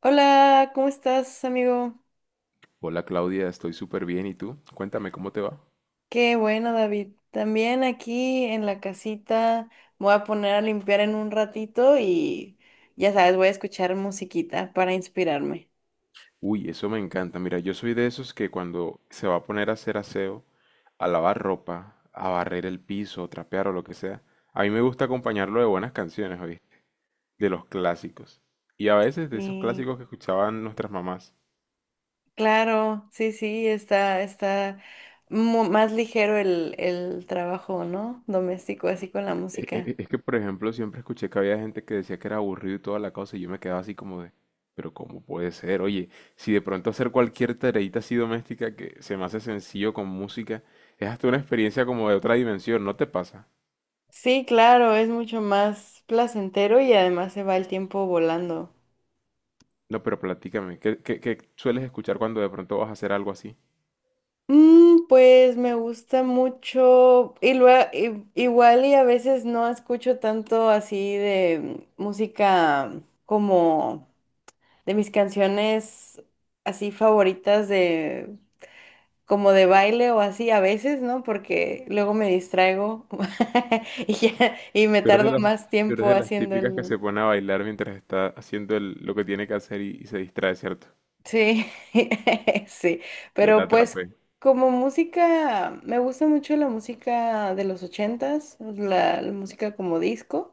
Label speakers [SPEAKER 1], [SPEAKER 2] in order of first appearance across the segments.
[SPEAKER 1] Hola, ¿cómo estás, amigo?
[SPEAKER 2] Hola Claudia, estoy súper bien. ¿Y tú? Cuéntame cómo te va.
[SPEAKER 1] Qué bueno, David. También aquí en la casita me voy a poner a limpiar en un ratito y ya sabes, voy a escuchar musiquita para inspirarme.
[SPEAKER 2] Uy, eso me encanta. Mira, yo soy de esos que cuando se va a poner a hacer aseo, a lavar ropa, a barrer el piso, trapear o lo que sea, a mí me gusta acompañarlo de buenas canciones, ¿oíste? De los clásicos. Y a veces de esos
[SPEAKER 1] Y
[SPEAKER 2] clásicos que escuchaban nuestras mamás.
[SPEAKER 1] claro, sí, sí, está más ligero el trabajo, ¿no? Doméstico, así con la
[SPEAKER 2] E-
[SPEAKER 1] música.
[SPEAKER 2] e- Es que, por ejemplo, siempre escuché que había gente que decía que era aburrido y toda la cosa, y yo me quedaba así como de, pero ¿cómo puede ser? Oye, si de pronto hacer cualquier tareita así doméstica que se me hace sencillo con música, es hasta una experiencia como de otra dimensión, ¿no te pasa?
[SPEAKER 1] Sí, claro, es mucho más placentero y además se va el tiempo volando.
[SPEAKER 2] No, pero platícame, ¿qué, qué sueles escuchar cuando de pronto vas a hacer algo así?
[SPEAKER 1] Pues me gusta mucho y luego igual y a veces no escucho tanto así de música como de mis canciones así favoritas de como de baile o así a veces, ¿no? Porque luego me distraigo y me
[SPEAKER 2] Tú eres de
[SPEAKER 1] tardo
[SPEAKER 2] las,
[SPEAKER 1] más
[SPEAKER 2] tú eres
[SPEAKER 1] tiempo
[SPEAKER 2] de las
[SPEAKER 1] haciendo
[SPEAKER 2] típicas que
[SPEAKER 1] el.
[SPEAKER 2] se pone a bailar mientras está haciendo lo que tiene que hacer y se distrae, ¿cierto?
[SPEAKER 1] Sí, sí,
[SPEAKER 2] Ya te
[SPEAKER 1] pero pues
[SPEAKER 2] atrapé.
[SPEAKER 1] como música, me gusta mucho la música de los ochentas, la música como disco,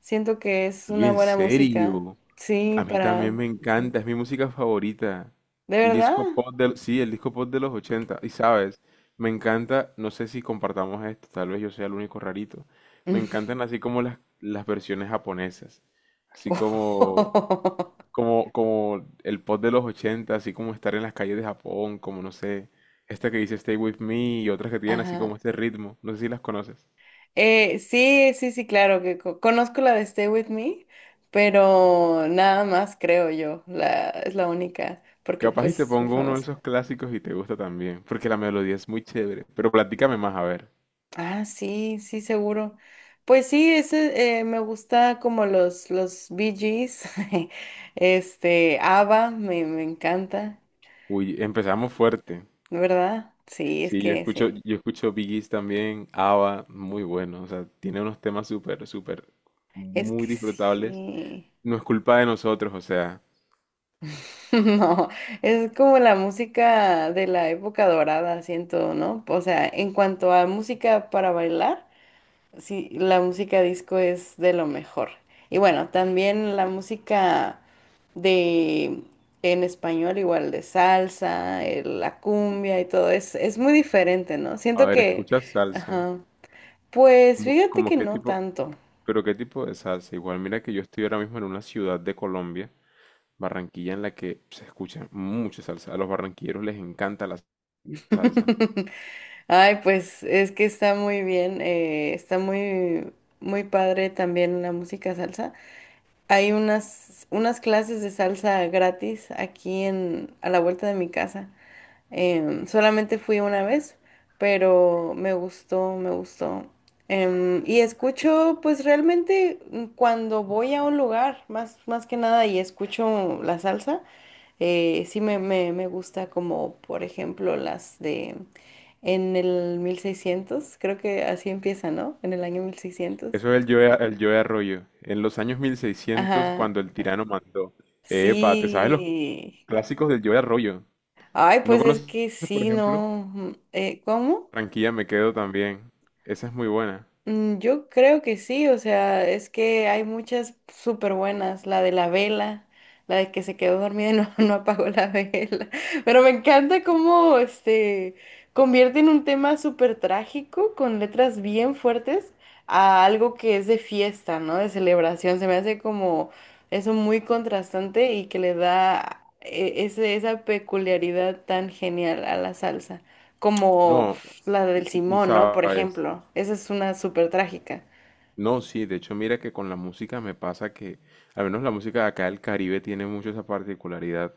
[SPEAKER 1] siento que es
[SPEAKER 2] Oye,
[SPEAKER 1] una
[SPEAKER 2] ¿en
[SPEAKER 1] buena música,
[SPEAKER 2] serio?
[SPEAKER 1] sí,
[SPEAKER 2] A mí también
[SPEAKER 1] para,
[SPEAKER 2] me
[SPEAKER 1] sí,
[SPEAKER 2] encanta, es mi música favorita.
[SPEAKER 1] ¿de
[SPEAKER 2] El
[SPEAKER 1] verdad?
[SPEAKER 2] disco pop del, sí, el disco pop de los 80. Y sabes, me encanta, no sé si compartamos esto, tal vez yo sea el único rarito. Me encantan así como las versiones japonesas, así como, como el pop de los 80, así como estar en las calles de Japón, como no sé, esta que dice Stay With Me y otras que tienen así
[SPEAKER 1] Ajá.
[SPEAKER 2] como este ritmo. No sé si las conoces.
[SPEAKER 1] Sí, sí, sí, claro, que conozco la de Stay With Me, pero nada más creo yo, la, es la única, porque
[SPEAKER 2] Capaz y te
[SPEAKER 1] pues muy
[SPEAKER 2] pongo uno de
[SPEAKER 1] famosa.
[SPEAKER 2] esos clásicos y te gusta también, porque la melodía es muy chévere. Pero platícame más, a ver.
[SPEAKER 1] Ah, sí, sí, seguro. Pues sí, ese me gusta como los Bee Gees, este, ABBA, me encanta,
[SPEAKER 2] Uy, empezamos fuerte.
[SPEAKER 1] ¿verdad? Sí, es
[SPEAKER 2] Sí, yo
[SPEAKER 1] que
[SPEAKER 2] escucho,
[SPEAKER 1] sí,
[SPEAKER 2] yo escucho Bee Gees también, ABBA, muy bueno. O sea, tiene unos temas súper, súper,
[SPEAKER 1] es que
[SPEAKER 2] muy disfrutables.
[SPEAKER 1] sí.
[SPEAKER 2] No es culpa de nosotros, o sea.
[SPEAKER 1] No, es como la música de la época dorada, siento, ¿no? O sea, en cuanto a música para bailar. Sí, la música disco es de lo mejor. Y bueno, también la música de en español, igual de salsa, la cumbia y todo, es muy diferente, ¿no?
[SPEAKER 2] A
[SPEAKER 1] Siento
[SPEAKER 2] ver,
[SPEAKER 1] que,
[SPEAKER 2] escuchas salsa.
[SPEAKER 1] ajá, pues
[SPEAKER 2] ¿Cómo,
[SPEAKER 1] fíjate
[SPEAKER 2] cómo
[SPEAKER 1] que
[SPEAKER 2] qué
[SPEAKER 1] no
[SPEAKER 2] tipo,
[SPEAKER 1] tanto.
[SPEAKER 2] pero qué tipo de salsa? Igual, mira que yo estoy ahora mismo en una ciudad de Colombia, Barranquilla, en la que se escucha mucha salsa. A los barranquilleros les encanta la salsa.
[SPEAKER 1] Ay, pues es que está muy bien, está muy, muy padre también la música salsa. Hay unas, unas clases de salsa gratis aquí en, a la vuelta de mi casa. Solamente fui una vez, pero me gustó, me gustó. Y escucho, pues realmente cuando voy a un lugar, más, más que nada, y escucho la salsa, sí me gusta como, por ejemplo, las de en el 1600, creo que así empieza, ¿no? En el año 1600.
[SPEAKER 2] Eso es el Joe Arroyo. En los años 1600,
[SPEAKER 1] Ajá,
[SPEAKER 2] cuando el tirano mandó. Epa, ¿te sabes los
[SPEAKER 1] sí.
[SPEAKER 2] clásicos del Joe Arroyo?
[SPEAKER 1] Ay,
[SPEAKER 2] ¿No
[SPEAKER 1] pues es
[SPEAKER 2] conoces,
[SPEAKER 1] que
[SPEAKER 2] por
[SPEAKER 1] sí,
[SPEAKER 2] ejemplo?
[SPEAKER 1] no. ¿Cómo?
[SPEAKER 2] Tranquila, me quedo también. Esa es muy buena.
[SPEAKER 1] Mm, yo creo que sí, o sea, es que hay muchas súper buenas, la de la vela, la de que se quedó dormida y no, no apagó la vela, pero me encanta cómo este convierten un tema súper trágico con letras bien fuertes a algo que es de fiesta, ¿no? De celebración, se me hace como eso muy contrastante y que le da esa peculiaridad tan genial a la salsa como
[SPEAKER 2] No,
[SPEAKER 1] pf, la
[SPEAKER 2] y,
[SPEAKER 1] del
[SPEAKER 2] y- y
[SPEAKER 1] Simón, ¿no? Por
[SPEAKER 2] sabes,
[SPEAKER 1] ejemplo, esa es una súper trágica.
[SPEAKER 2] no, sí, de hecho mira que con la música me pasa que, al menos la música de acá del Caribe tiene mucho esa particularidad,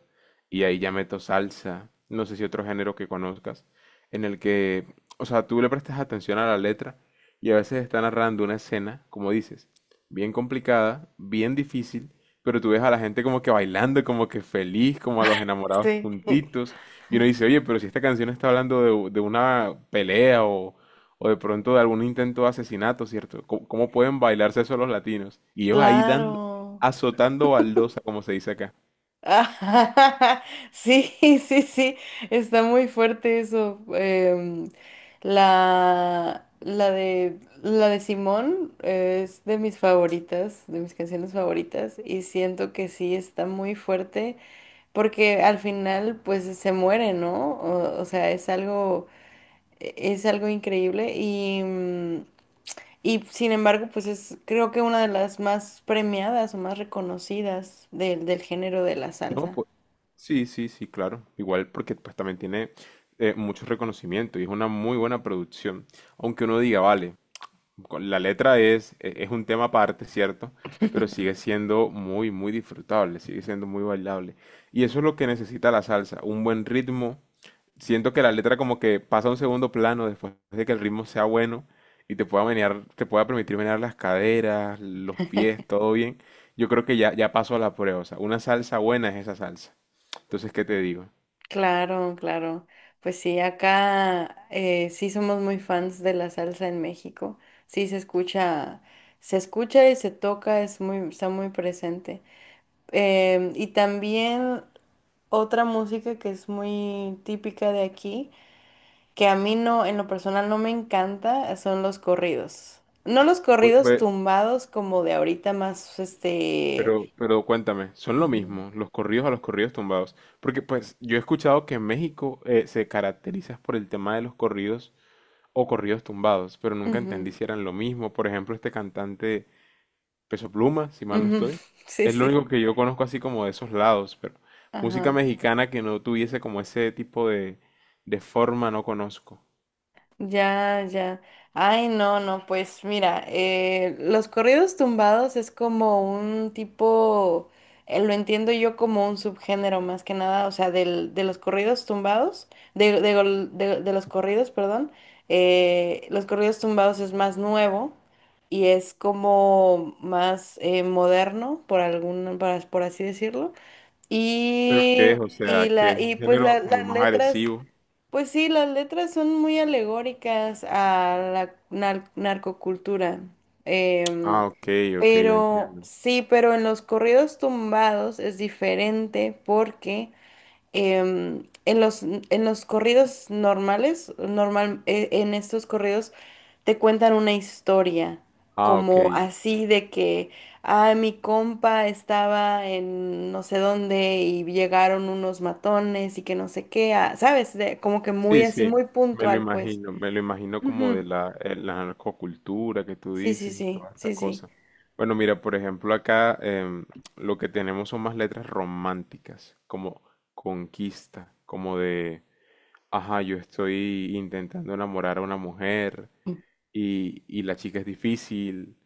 [SPEAKER 2] y ahí ya meto salsa, no sé si otro género que conozcas, en el que, o sea, tú le prestas atención a la letra y a veces está narrando una escena, como dices, bien complicada, bien difícil, pero tú ves a la gente como que bailando, como que feliz, como a los enamorados
[SPEAKER 1] Sí,
[SPEAKER 2] juntitos, y uno dice, oye, pero si esta canción está hablando de una pelea o de pronto de algún intento de asesinato, ¿cierto? ¿Cómo, cómo pueden bailarse eso los latinos? Y ellos ahí dando,
[SPEAKER 1] claro.
[SPEAKER 2] azotando baldosa, como se dice acá.
[SPEAKER 1] Ah, sí, sí, sí, está muy fuerte eso. La de Simón es de mis favoritas, de mis canciones favoritas, y siento que sí está muy fuerte porque al final pues se muere, ¿no? O sea, es algo... Es algo increíble y, y sin embargo, pues es creo que una de las más premiadas o más reconocidas del género de la
[SPEAKER 2] No,
[SPEAKER 1] salsa.
[SPEAKER 2] pues sí, sí, sí, claro. Igual porque pues también tiene mucho reconocimiento y es una muy buena producción. Aunque uno diga, vale, la letra es, es un tema aparte, ¿cierto? Pero sigue siendo muy, muy disfrutable, sigue siendo muy bailable. Y eso es lo que necesita la salsa, un buen ritmo. Siento que la letra como que pasa a un segundo plano después de que el ritmo sea bueno y te pueda menear, te pueda permitir menear las caderas, los pies, todo bien. Yo creo que ya pasó a la prueba. O sea, una salsa buena es esa salsa. Entonces, ¿qué te digo?
[SPEAKER 1] Claro, claro. Pues sí, acá sí somos muy fans de la salsa en México. Sí se escucha y se toca, es muy, está muy presente. Y también otra música que es muy típica de aquí que a mí no, en lo personal no me encanta, son los corridos. No los
[SPEAKER 2] Pues,
[SPEAKER 1] corridos
[SPEAKER 2] pues,
[SPEAKER 1] tumbados como de ahorita más, este...
[SPEAKER 2] Pero cuéntame, ¿son lo
[SPEAKER 1] Ujú,
[SPEAKER 2] mismo los corridos a los corridos tumbados? Porque pues yo he escuchado que en México se caracteriza por el tema de los corridos o corridos tumbados, pero nunca entendí
[SPEAKER 1] ujú,
[SPEAKER 2] si eran lo mismo. Por ejemplo, este cantante Peso Pluma, si mal no
[SPEAKER 1] ujú,
[SPEAKER 2] estoy,
[SPEAKER 1] sí,
[SPEAKER 2] es lo único
[SPEAKER 1] sí.
[SPEAKER 2] que yo conozco así como de esos lados, pero música
[SPEAKER 1] Ajá.
[SPEAKER 2] mexicana que no tuviese como ese tipo de forma no conozco.
[SPEAKER 1] Ya, ya. Ay, no, no, pues mira, los corridos tumbados es como un tipo, lo entiendo yo como un subgénero más que nada, o sea, del, de los corridos tumbados, de los corridos, perdón, los corridos tumbados es más nuevo y es como más moderno, por algún, por así decirlo.
[SPEAKER 2] ¿Pero
[SPEAKER 1] Y,
[SPEAKER 2] qué es? O sea, que es un
[SPEAKER 1] y pues
[SPEAKER 2] género como
[SPEAKER 1] las
[SPEAKER 2] más
[SPEAKER 1] letras...
[SPEAKER 2] agresivo.
[SPEAKER 1] Pues sí, las letras son muy alegóricas a la narcocultura. Em,
[SPEAKER 2] Ah, ok, ok, ya
[SPEAKER 1] pero
[SPEAKER 2] entiendo.
[SPEAKER 1] sí, pero en los corridos tumbados es diferente porque en en los corridos normales, normal, en estos corridos te cuentan una historia,
[SPEAKER 2] Ah, ok.
[SPEAKER 1] como así de que, ah, mi compa estaba en no sé dónde y llegaron unos matones y que no sé qué, ah, ¿sabes? De- como que muy
[SPEAKER 2] Sí,
[SPEAKER 1] así,
[SPEAKER 2] sí,
[SPEAKER 1] muy
[SPEAKER 2] me lo
[SPEAKER 1] puntual, pues.
[SPEAKER 2] imagino, me lo imagino como
[SPEAKER 1] Ujú.
[SPEAKER 2] de la, la narcocultura que tú
[SPEAKER 1] Sí, sí,
[SPEAKER 2] dices y
[SPEAKER 1] sí,
[SPEAKER 2] toda esta
[SPEAKER 1] sí, sí.
[SPEAKER 2] cosa. Bueno, mira, por ejemplo, acá em, lo que tenemos son más letras románticas, como conquista, como de, ajá, yo estoy intentando enamorar a una mujer
[SPEAKER 1] Mm.
[SPEAKER 2] y la chica es difícil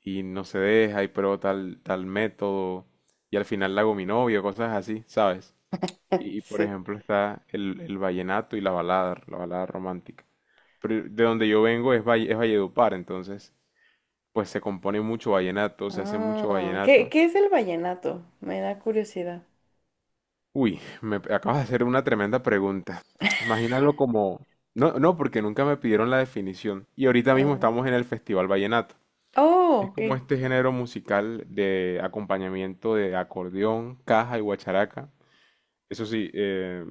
[SPEAKER 2] y no se deja y pruebo tal, tal método y al final la hago mi novio, cosas así, ¿sabes? Y por
[SPEAKER 1] Sí.
[SPEAKER 2] ejemplo está el vallenato y la balada romántica. Pero de donde yo vengo es, es Valledupar, entonces pues se compone mucho vallenato, se hace mucho
[SPEAKER 1] Ah, ¿qué,
[SPEAKER 2] vallenato.
[SPEAKER 1] qué es el vallenato? Me da curiosidad.
[SPEAKER 2] Uy, me acabas de hacer una tremenda pregunta. Imagínalo como... No, no, porque nunca me pidieron la definición. Y ahorita mismo
[SPEAKER 1] Ah,
[SPEAKER 2] estamos en el Festival Vallenato.
[SPEAKER 1] oh,
[SPEAKER 2] Es como
[SPEAKER 1] ok.
[SPEAKER 2] este género musical de acompañamiento de acordeón, caja y guacharaca. Eso sí,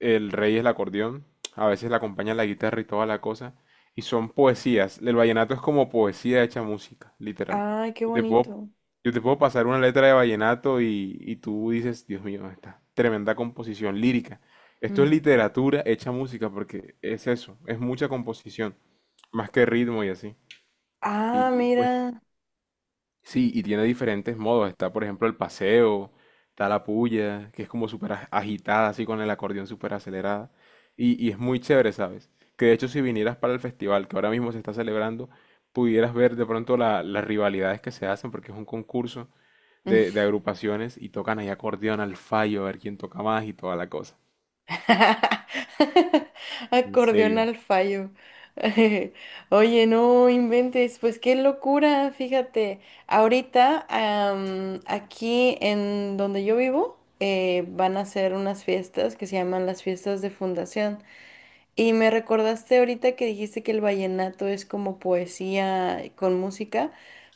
[SPEAKER 2] el rey es el acordeón, a veces le acompaña la guitarra y toda la cosa, y son poesías. El vallenato es como poesía hecha música, literal.
[SPEAKER 1] Ay, qué
[SPEAKER 2] Yo te puedo,
[SPEAKER 1] bonito.
[SPEAKER 2] yo te puedo pasar una letra de vallenato y tú dices, Dios mío, esta tremenda composición lírica. Esto es
[SPEAKER 1] Mm.
[SPEAKER 2] literatura hecha música porque es eso, es mucha composición, más que ritmo y así.
[SPEAKER 1] Ah,
[SPEAKER 2] Y pues
[SPEAKER 1] mira.
[SPEAKER 2] sí, y tiene diferentes modos. Está, por ejemplo, el paseo, está la puya, que es como súper agitada, así con el acordeón súper acelerada. Y es muy chévere, ¿sabes? Que de hecho, si vinieras para el festival que ahora mismo se está celebrando, pudieras ver de pronto las rivalidades que se hacen, porque es un concurso de agrupaciones y tocan ahí acordeón al fallo, a ver quién toca más y toda la cosa. En
[SPEAKER 1] Acordeón
[SPEAKER 2] serio.
[SPEAKER 1] al fallo. Oye, no inventes, pues qué locura, fíjate. Ahorita, aquí en donde yo vivo, van a hacer unas fiestas que se llaman las fiestas de fundación. Y me recordaste ahorita que dijiste que el vallenato es como poesía con música,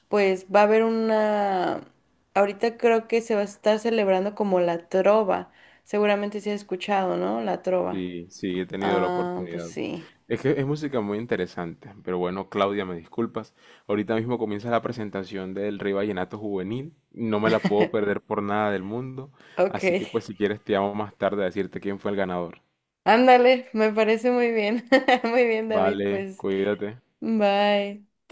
[SPEAKER 1] pues va a haber una, ahorita creo que se va a estar celebrando como la trova, seguramente se ha escuchado, ¿no? La trova.
[SPEAKER 2] Sí, sí, he tenido la
[SPEAKER 1] Ah, pues
[SPEAKER 2] oportunidad.
[SPEAKER 1] sí.
[SPEAKER 2] Es que es música muy interesante, pero bueno, Claudia, me disculpas. Ahorita mismo comienza la presentación del Rey Vallenato Juvenil. No me la puedo perder por nada del mundo.
[SPEAKER 1] Ok.
[SPEAKER 2] Así que pues si quieres te llamo más tarde a decirte quién fue el ganador.
[SPEAKER 1] Ándale, me parece muy bien. Muy bien, David,
[SPEAKER 2] Vale,
[SPEAKER 1] pues
[SPEAKER 2] cuídate.
[SPEAKER 1] bye.